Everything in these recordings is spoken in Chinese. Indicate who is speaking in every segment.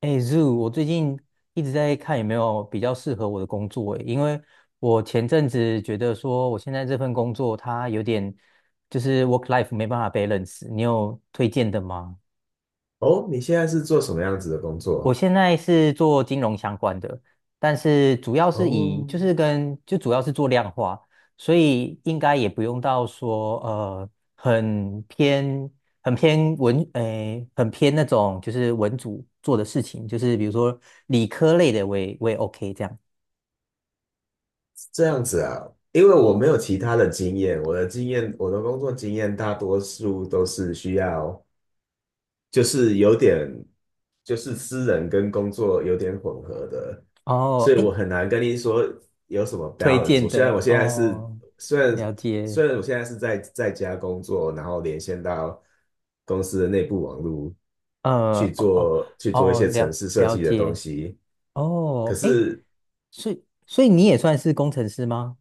Speaker 1: 哎，Zoo，我最近一直在看有没有比较适合我的工作诶，因为我前阵子觉得说我现在这份工作它有点就是 work life 没办法 balance，你有推荐的吗？
Speaker 2: 哦，你现在是做什么样子的工
Speaker 1: 我
Speaker 2: 作？
Speaker 1: 现在是做金融相关的，但是主要是以
Speaker 2: 哦，
Speaker 1: 就是跟就主要是做量化，所以应该也不用到说很偏很偏文诶、很偏那种就是文组做的事情，就是比如说理科类的我也 OK 这样。
Speaker 2: 这样子啊，因为我没有其他的经验，我的工作经验大多数都是需要就是有点就是私人跟工作有点混合的，
Speaker 1: 哦，
Speaker 2: 所以我
Speaker 1: 诶，
Speaker 2: 很难跟你说有什么
Speaker 1: 推
Speaker 2: balance。
Speaker 1: 荐
Speaker 2: 我虽然我
Speaker 1: 的
Speaker 2: 现在是
Speaker 1: 哦，
Speaker 2: 虽
Speaker 1: 了
Speaker 2: 然
Speaker 1: 解，
Speaker 2: 虽然我现在是在家工作，然后连线到公司的内部网络去
Speaker 1: 哦哦
Speaker 2: 做去做一
Speaker 1: 哦，
Speaker 2: 些城
Speaker 1: 了
Speaker 2: 市设
Speaker 1: 了
Speaker 2: 计的东
Speaker 1: 解，
Speaker 2: 西，可
Speaker 1: 哦，诶，
Speaker 2: 是
Speaker 1: 所以你也算是工程师吗？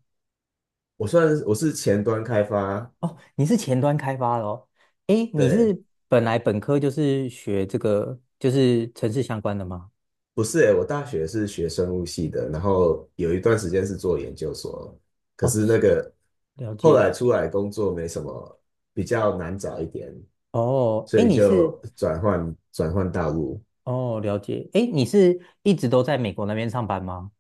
Speaker 2: 我是前端开发，
Speaker 1: 哦，你是前端开发的哦。诶，你
Speaker 2: 对。
Speaker 1: 是本科就是学这个，就是城市相关的吗？
Speaker 2: 不是诶，我大学是学生物系的，然后有一段时间是做研究所，可
Speaker 1: 哦，
Speaker 2: 是那个
Speaker 1: 了
Speaker 2: 后
Speaker 1: 解。
Speaker 2: 来出来工作没什么，比较难找一点，
Speaker 1: 哦，
Speaker 2: 所
Speaker 1: 诶，
Speaker 2: 以
Speaker 1: 你是
Speaker 2: 就转换道路。
Speaker 1: 哦，了解。诶，你是一直都在美国那边上班吗？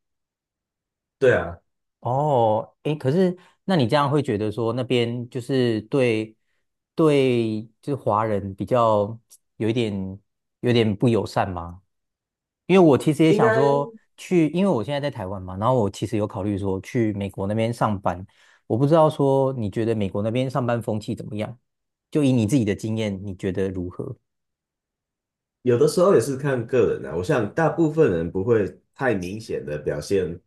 Speaker 2: 对啊，
Speaker 1: 哦，诶，可是那你这样会觉得说那边就是对对，就是华人比较有一点有点不友善吗？因为我其实也
Speaker 2: 应该
Speaker 1: 想说去，因为我现在在台湾嘛，然后我其实有考虑说去美国那边上班。我不知道说你觉得美国那边上班风气怎么样？就以你自己的经验，你觉得如何？
Speaker 2: 有的时候也是看个人啊，我想大部分人不会太明显的表现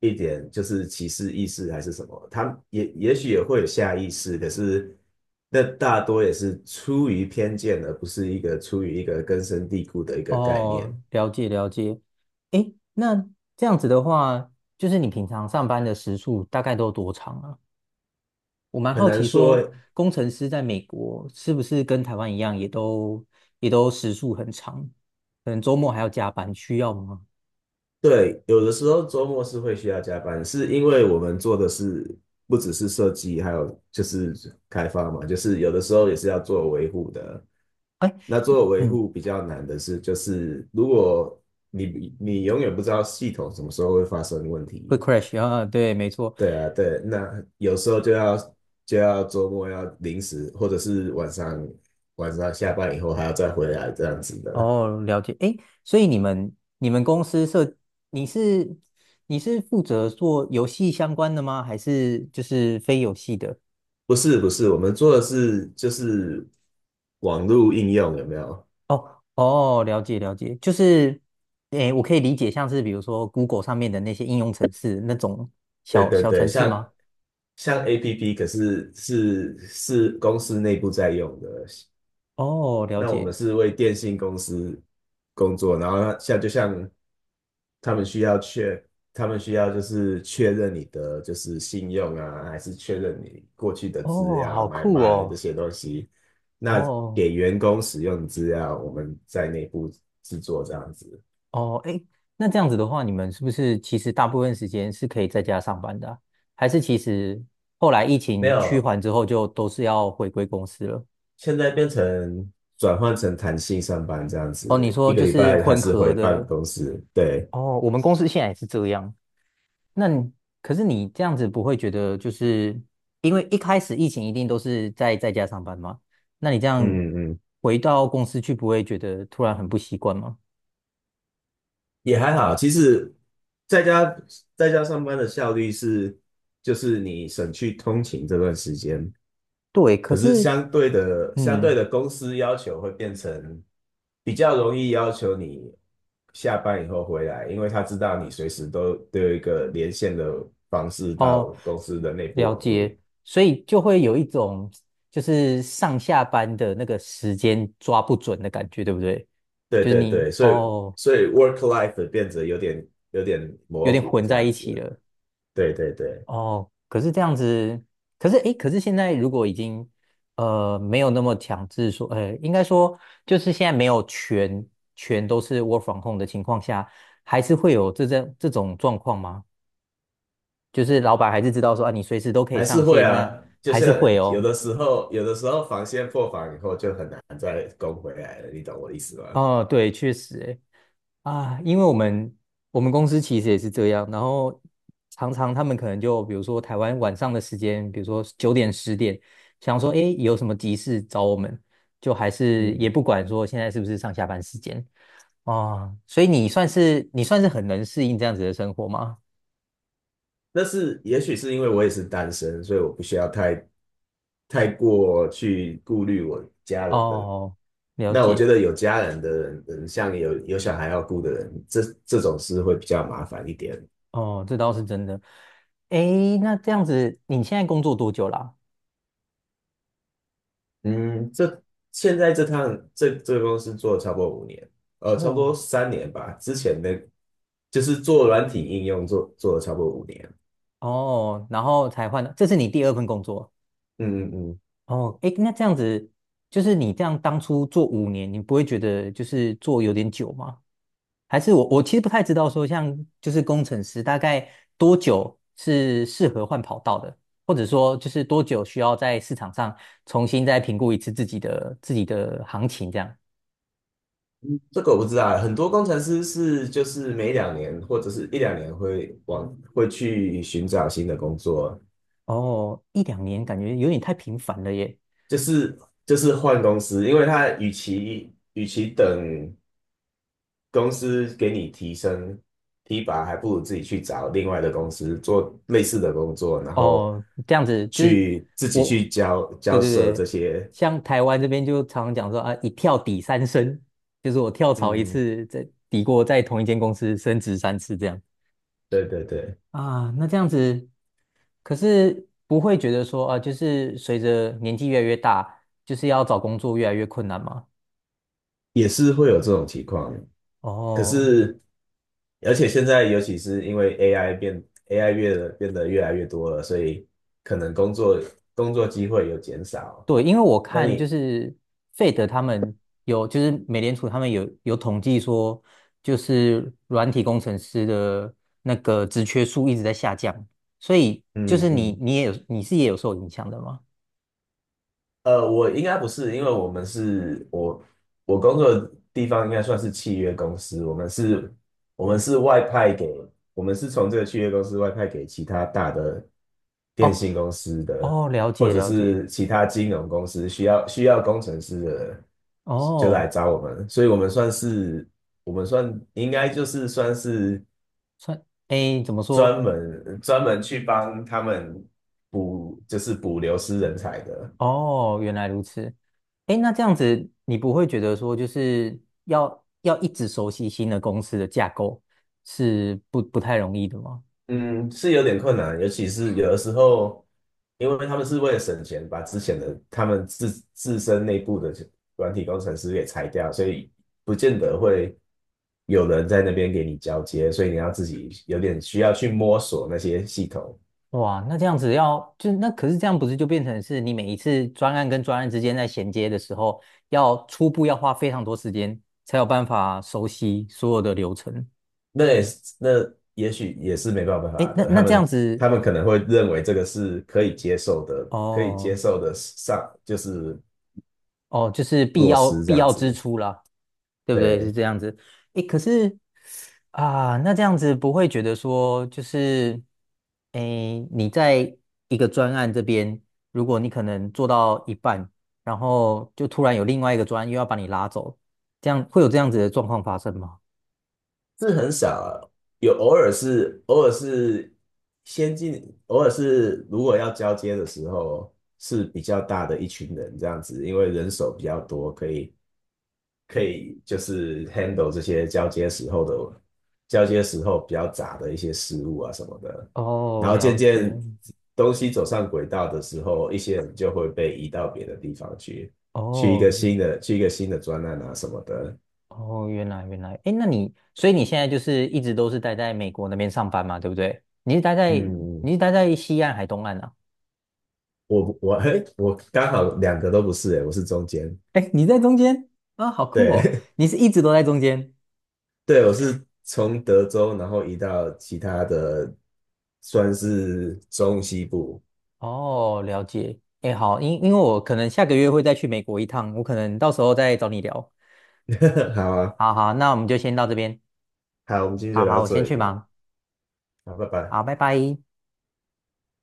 Speaker 2: 一点就是歧视意识还是什么，他也许也会有下意识，可是那大多也是出于偏见，而不是一个出于一个根深蒂固的一个概念，
Speaker 1: 哦，了解了解。诶，那这样子的话，就是你平常上班的时数大概都多长啊？我蛮
Speaker 2: 很
Speaker 1: 好
Speaker 2: 难
Speaker 1: 奇说，
Speaker 2: 说。
Speaker 1: 工程师在美国是不是跟台湾一样，也都时数很长，可能周末还要加班，需要吗？
Speaker 2: 对，有的时候周末是会需要加班，是因为我们做的是不只是设计，还有就是开发嘛，就是有的时候也是要做维护的。
Speaker 1: 哎。
Speaker 2: 那做维
Speaker 1: 嗯
Speaker 2: 护比较难的是，就是如果你永远不知道系统什么时候会发生问
Speaker 1: 会
Speaker 2: 题，
Speaker 1: crash 啊，对，没错。
Speaker 2: 对啊，对，那有时候就要周末要临时，或者是晚上下班以后还要再回来这样子的。
Speaker 1: 哦，了解。诶，所以你们公司你是你是负责做游戏相关的吗？还是就是非游戏的？
Speaker 2: 不是不是，我们做的是就是网络应用有没有？
Speaker 1: 哦哦，了解了解，就是诶，我可以理解像是比如说 Google 上面的那些应用程式那种
Speaker 2: 对
Speaker 1: 小
Speaker 2: 对
Speaker 1: 小
Speaker 2: 对，
Speaker 1: 程式吗？
Speaker 2: 像 APP，可是是公司内部在用的，
Speaker 1: 哦，了
Speaker 2: 那我们
Speaker 1: 解。
Speaker 2: 是为电信公司工作，然后像他们需要确，他们需要就是确认你的就是信用啊，还是确认你过去的资
Speaker 1: 哦，
Speaker 2: 料、
Speaker 1: 好
Speaker 2: 买
Speaker 1: 酷
Speaker 2: 卖这
Speaker 1: 哦。
Speaker 2: 些东西。那
Speaker 1: 哦，
Speaker 2: 给员工使用的资料，我们在内部制作这样子。
Speaker 1: 哦，哎，那这样子的话，你们是不是其实大部分时间是可以在家上班的啊还是其实后来疫
Speaker 2: 没
Speaker 1: 情趋
Speaker 2: 有，
Speaker 1: 缓之后，就都是要回归公司了？
Speaker 2: 现在转换成弹性上班这样
Speaker 1: 哦，你
Speaker 2: 子，
Speaker 1: 说
Speaker 2: 一个
Speaker 1: 就
Speaker 2: 礼
Speaker 1: 是
Speaker 2: 拜还
Speaker 1: 混
Speaker 2: 是
Speaker 1: 合
Speaker 2: 回办
Speaker 1: 的。
Speaker 2: 公室。对，
Speaker 1: 哦，我们公司现在也是这样。那你可是你这样子不会觉得就是因为一开始疫情一定都是在家上班吗？那你这样
Speaker 2: 嗯嗯。
Speaker 1: 回到公司去，不会觉得突然很不习惯吗？
Speaker 2: 也还好，其实在家在家上班的效率是，就是你省去通勤这段时间，
Speaker 1: 对，可
Speaker 2: 可是
Speaker 1: 是
Speaker 2: 相对的相对
Speaker 1: 嗯。
Speaker 2: 的公司要求会变成比较容易要求你下班以后回来，因为他知道你随时都有一个连线的方式到
Speaker 1: 哦，
Speaker 2: 公司的内部
Speaker 1: 了
Speaker 2: 网络。
Speaker 1: 解，所以就会有一种就是上下班的那个时间抓不准的感觉，对不对？
Speaker 2: 对
Speaker 1: 就是
Speaker 2: 对
Speaker 1: 你
Speaker 2: 对，所以
Speaker 1: 哦，
Speaker 2: 所以 work life 变得有点
Speaker 1: 有
Speaker 2: 模
Speaker 1: 点
Speaker 2: 糊
Speaker 1: 混
Speaker 2: 这
Speaker 1: 在
Speaker 2: 样
Speaker 1: 一起
Speaker 2: 子。
Speaker 1: 了
Speaker 2: 对对对。
Speaker 1: 哦。可是这样子，可是诶，可是现在如果已经没有那么强制说，应该说就是现在没有全都是 work from home 的情况下，还是会有这种状况吗？就是老板还是知道说啊，你随时都可以
Speaker 2: 还是
Speaker 1: 上
Speaker 2: 会
Speaker 1: 线，那
Speaker 2: 啊，就
Speaker 1: 还是会
Speaker 2: 是有
Speaker 1: 哦。
Speaker 2: 的时候，有的时候防线破防以后就很难再攻回来了，你懂我的意思吗？
Speaker 1: 哦，对，确实诶，啊，因为我们公司其实也是这样，然后常常他们可能就比如说台湾晚上的时间，比如说9点10点，想说诶有什么急事找我们，就还是
Speaker 2: 嗯
Speaker 1: 也不管说现在是不是上下班时间哦，所以你算是很能适应这样子的生活吗？
Speaker 2: 但是也许是因为我也是单身，所以我不需要太过去顾虑我家人的。
Speaker 1: 哦，了
Speaker 2: 那我觉
Speaker 1: 解，
Speaker 2: 得有家人的人像有小孩要顾的人，这种事会比较麻烦一点。
Speaker 1: 哦，这倒是真的。诶，那这样子你现在工作多久啦？
Speaker 2: 嗯，这现在这趟这这个公司做了差不多五年，差不
Speaker 1: 哦
Speaker 2: 多3年吧。之前的就是做软体应用做了差不多五年。
Speaker 1: 哦，然后才换的，这是你第二份工作。
Speaker 2: 嗯嗯，嗯，
Speaker 1: 哦，哎，那这样子，就是你这样当初做5年，你不会觉得就是做有点久吗？还是我其实不太知道说，像就是工程师大概多久是适合换跑道的，或者说就是多久需要在市场上重新再评估一次自己的行情这样。
Speaker 2: 这个我不知道欸很多工程师是就是每两年或者是一两年会去寻找新的工作，
Speaker 1: 哦，一两年感觉有点太频繁了耶。
Speaker 2: 就是就是换公司，因为他与其等公司给你提拔，还不如自己去找另外的公司做类似的工作，然后
Speaker 1: 哦，这样子就是
Speaker 2: 自己
Speaker 1: 我，
Speaker 2: 去交
Speaker 1: 对
Speaker 2: 交
Speaker 1: 对
Speaker 2: 涉这
Speaker 1: 对，
Speaker 2: 些，
Speaker 1: 像台湾这边就常常讲说啊，一跳抵三升，就是我跳槽一
Speaker 2: 嗯，
Speaker 1: 次，再抵过在同一间公司升职三次这样
Speaker 2: 对对对，
Speaker 1: 啊。那这样子，可是不会觉得说啊，就是随着年纪越来越大，就是要找工作越来越困难吗？
Speaker 2: 也是会有这种情况，可
Speaker 1: 哦，
Speaker 2: 是。而且现在尤其是因为 AI AI 变得越来越多了，所以可能工作机会有减少。
Speaker 1: 对，因为我
Speaker 2: 那
Speaker 1: 看就
Speaker 2: 你
Speaker 1: 是费德他们有，就是美联储他们有统计说，就是软体工程师的那个职缺数一直在下降，所以就
Speaker 2: 嗯
Speaker 1: 是你
Speaker 2: 嗯，
Speaker 1: 你也有你是也有受影响的吗？
Speaker 2: 我应该不是，因为我们是我我工作的地方应该算是契约公司，我们是外派给，我们是从这个契约公司外派给其他大的电
Speaker 1: 哦
Speaker 2: 信公司的，
Speaker 1: 哦，了
Speaker 2: 或
Speaker 1: 解
Speaker 2: 者
Speaker 1: 了解，
Speaker 2: 是其他金融公司需要工程师的，就来
Speaker 1: 哦，
Speaker 2: 找我们，所以我们算是我们算应该就是算是
Speaker 1: 算，哎，怎么说？
Speaker 2: 专门去帮他们补，就是补流失人才的。
Speaker 1: 哦，原来如此。哎，那这样子你不会觉得说就是要一直熟悉新的公司的架构是不太容易的吗？
Speaker 2: 嗯，是有点困难，尤其是有的时候，因为他们是为了省钱，把之前的他们自身内部的软体工程师给裁掉，所以不见得会有人在那边给你交接，所以你要自己有点需要去摸索那些系统，
Speaker 1: 哇，那这样子要就那可是这样不是就变成是你每一次专案跟专案之间在衔接的时候，要初步要花非常多时间才有办法熟悉所有的流程。
Speaker 2: 那也许也是没办
Speaker 1: 诶，
Speaker 2: 法
Speaker 1: 那
Speaker 2: 的，他
Speaker 1: 那这
Speaker 2: 们
Speaker 1: 样子
Speaker 2: 他们可能会认为这个是可以接受的，
Speaker 1: 哦，
Speaker 2: 上就是
Speaker 1: 哦，就是
Speaker 2: 落实这
Speaker 1: 必
Speaker 2: 样
Speaker 1: 要支
Speaker 2: 子，
Speaker 1: 出啦，对不对？是
Speaker 2: 对。
Speaker 1: 这样子。诶，可是啊，那这样子不会觉得说，就是诶，你在一个专案这边，如果你可能做到一半，然后就突然有另外一个专案又要把你拉走，这样会有这样子的状况发生吗？
Speaker 2: 是很少啊，有偶尔是偶尔是先进，偶尔是如果要交接的时候是比较大的一群人这样子，因为人手比较多，可以就是 handle 这些交接时候比较杂的一些事物啊什么的，
Speaker 1: 哦，
Speaker 2: 然后渐
Speaker 1: 了
Speaker 2: 渐
Speaker 1: 解。
Speaker 2: 东西走上轨道的时候，一些人就会被移到别的地方去，去一个
Speaker 1: 哦
Speaker 2: 新的去一个新的专案啊什么的，
Speaker 1: 哦，原来原来，哎，那你所以你现在就是一直都是待在美国那边上班嘛，对不对？
Speaker 2: 嗯。
Speaker 1: 你是待在西岸还东岸啊？
Speaker 2: 我刚好两个都不是诶，我是中间，
Speaker 1: 哎，你在中间啊，好酷哦！
Speaker 2: 对
Speaker 1: 你是一直都在中间
Speaker 2: 对，我是从德州然后移到其他的，算是中西部。
Speaker 1: 哦，了解。哎，好，因为我可能下个月会再去美国一趟，我可能到时候再找你聊。
Speaker 2: 好啊，
Speaker 1: 好好，那我们就先到这边。
Speaker 2: 好，我们今天
Speaker 1: 好
Speaker 2: 就聊
Speaker 1: 好，
Speaker 2: 到
Speaker 1: 我
Speaker 2: 这
Speaker 1: 先去
Speaker 2: 里，
Speaker 1: 忙。
Speaker 2: 好，拜拜。
Speaker 1: 好，拜拜。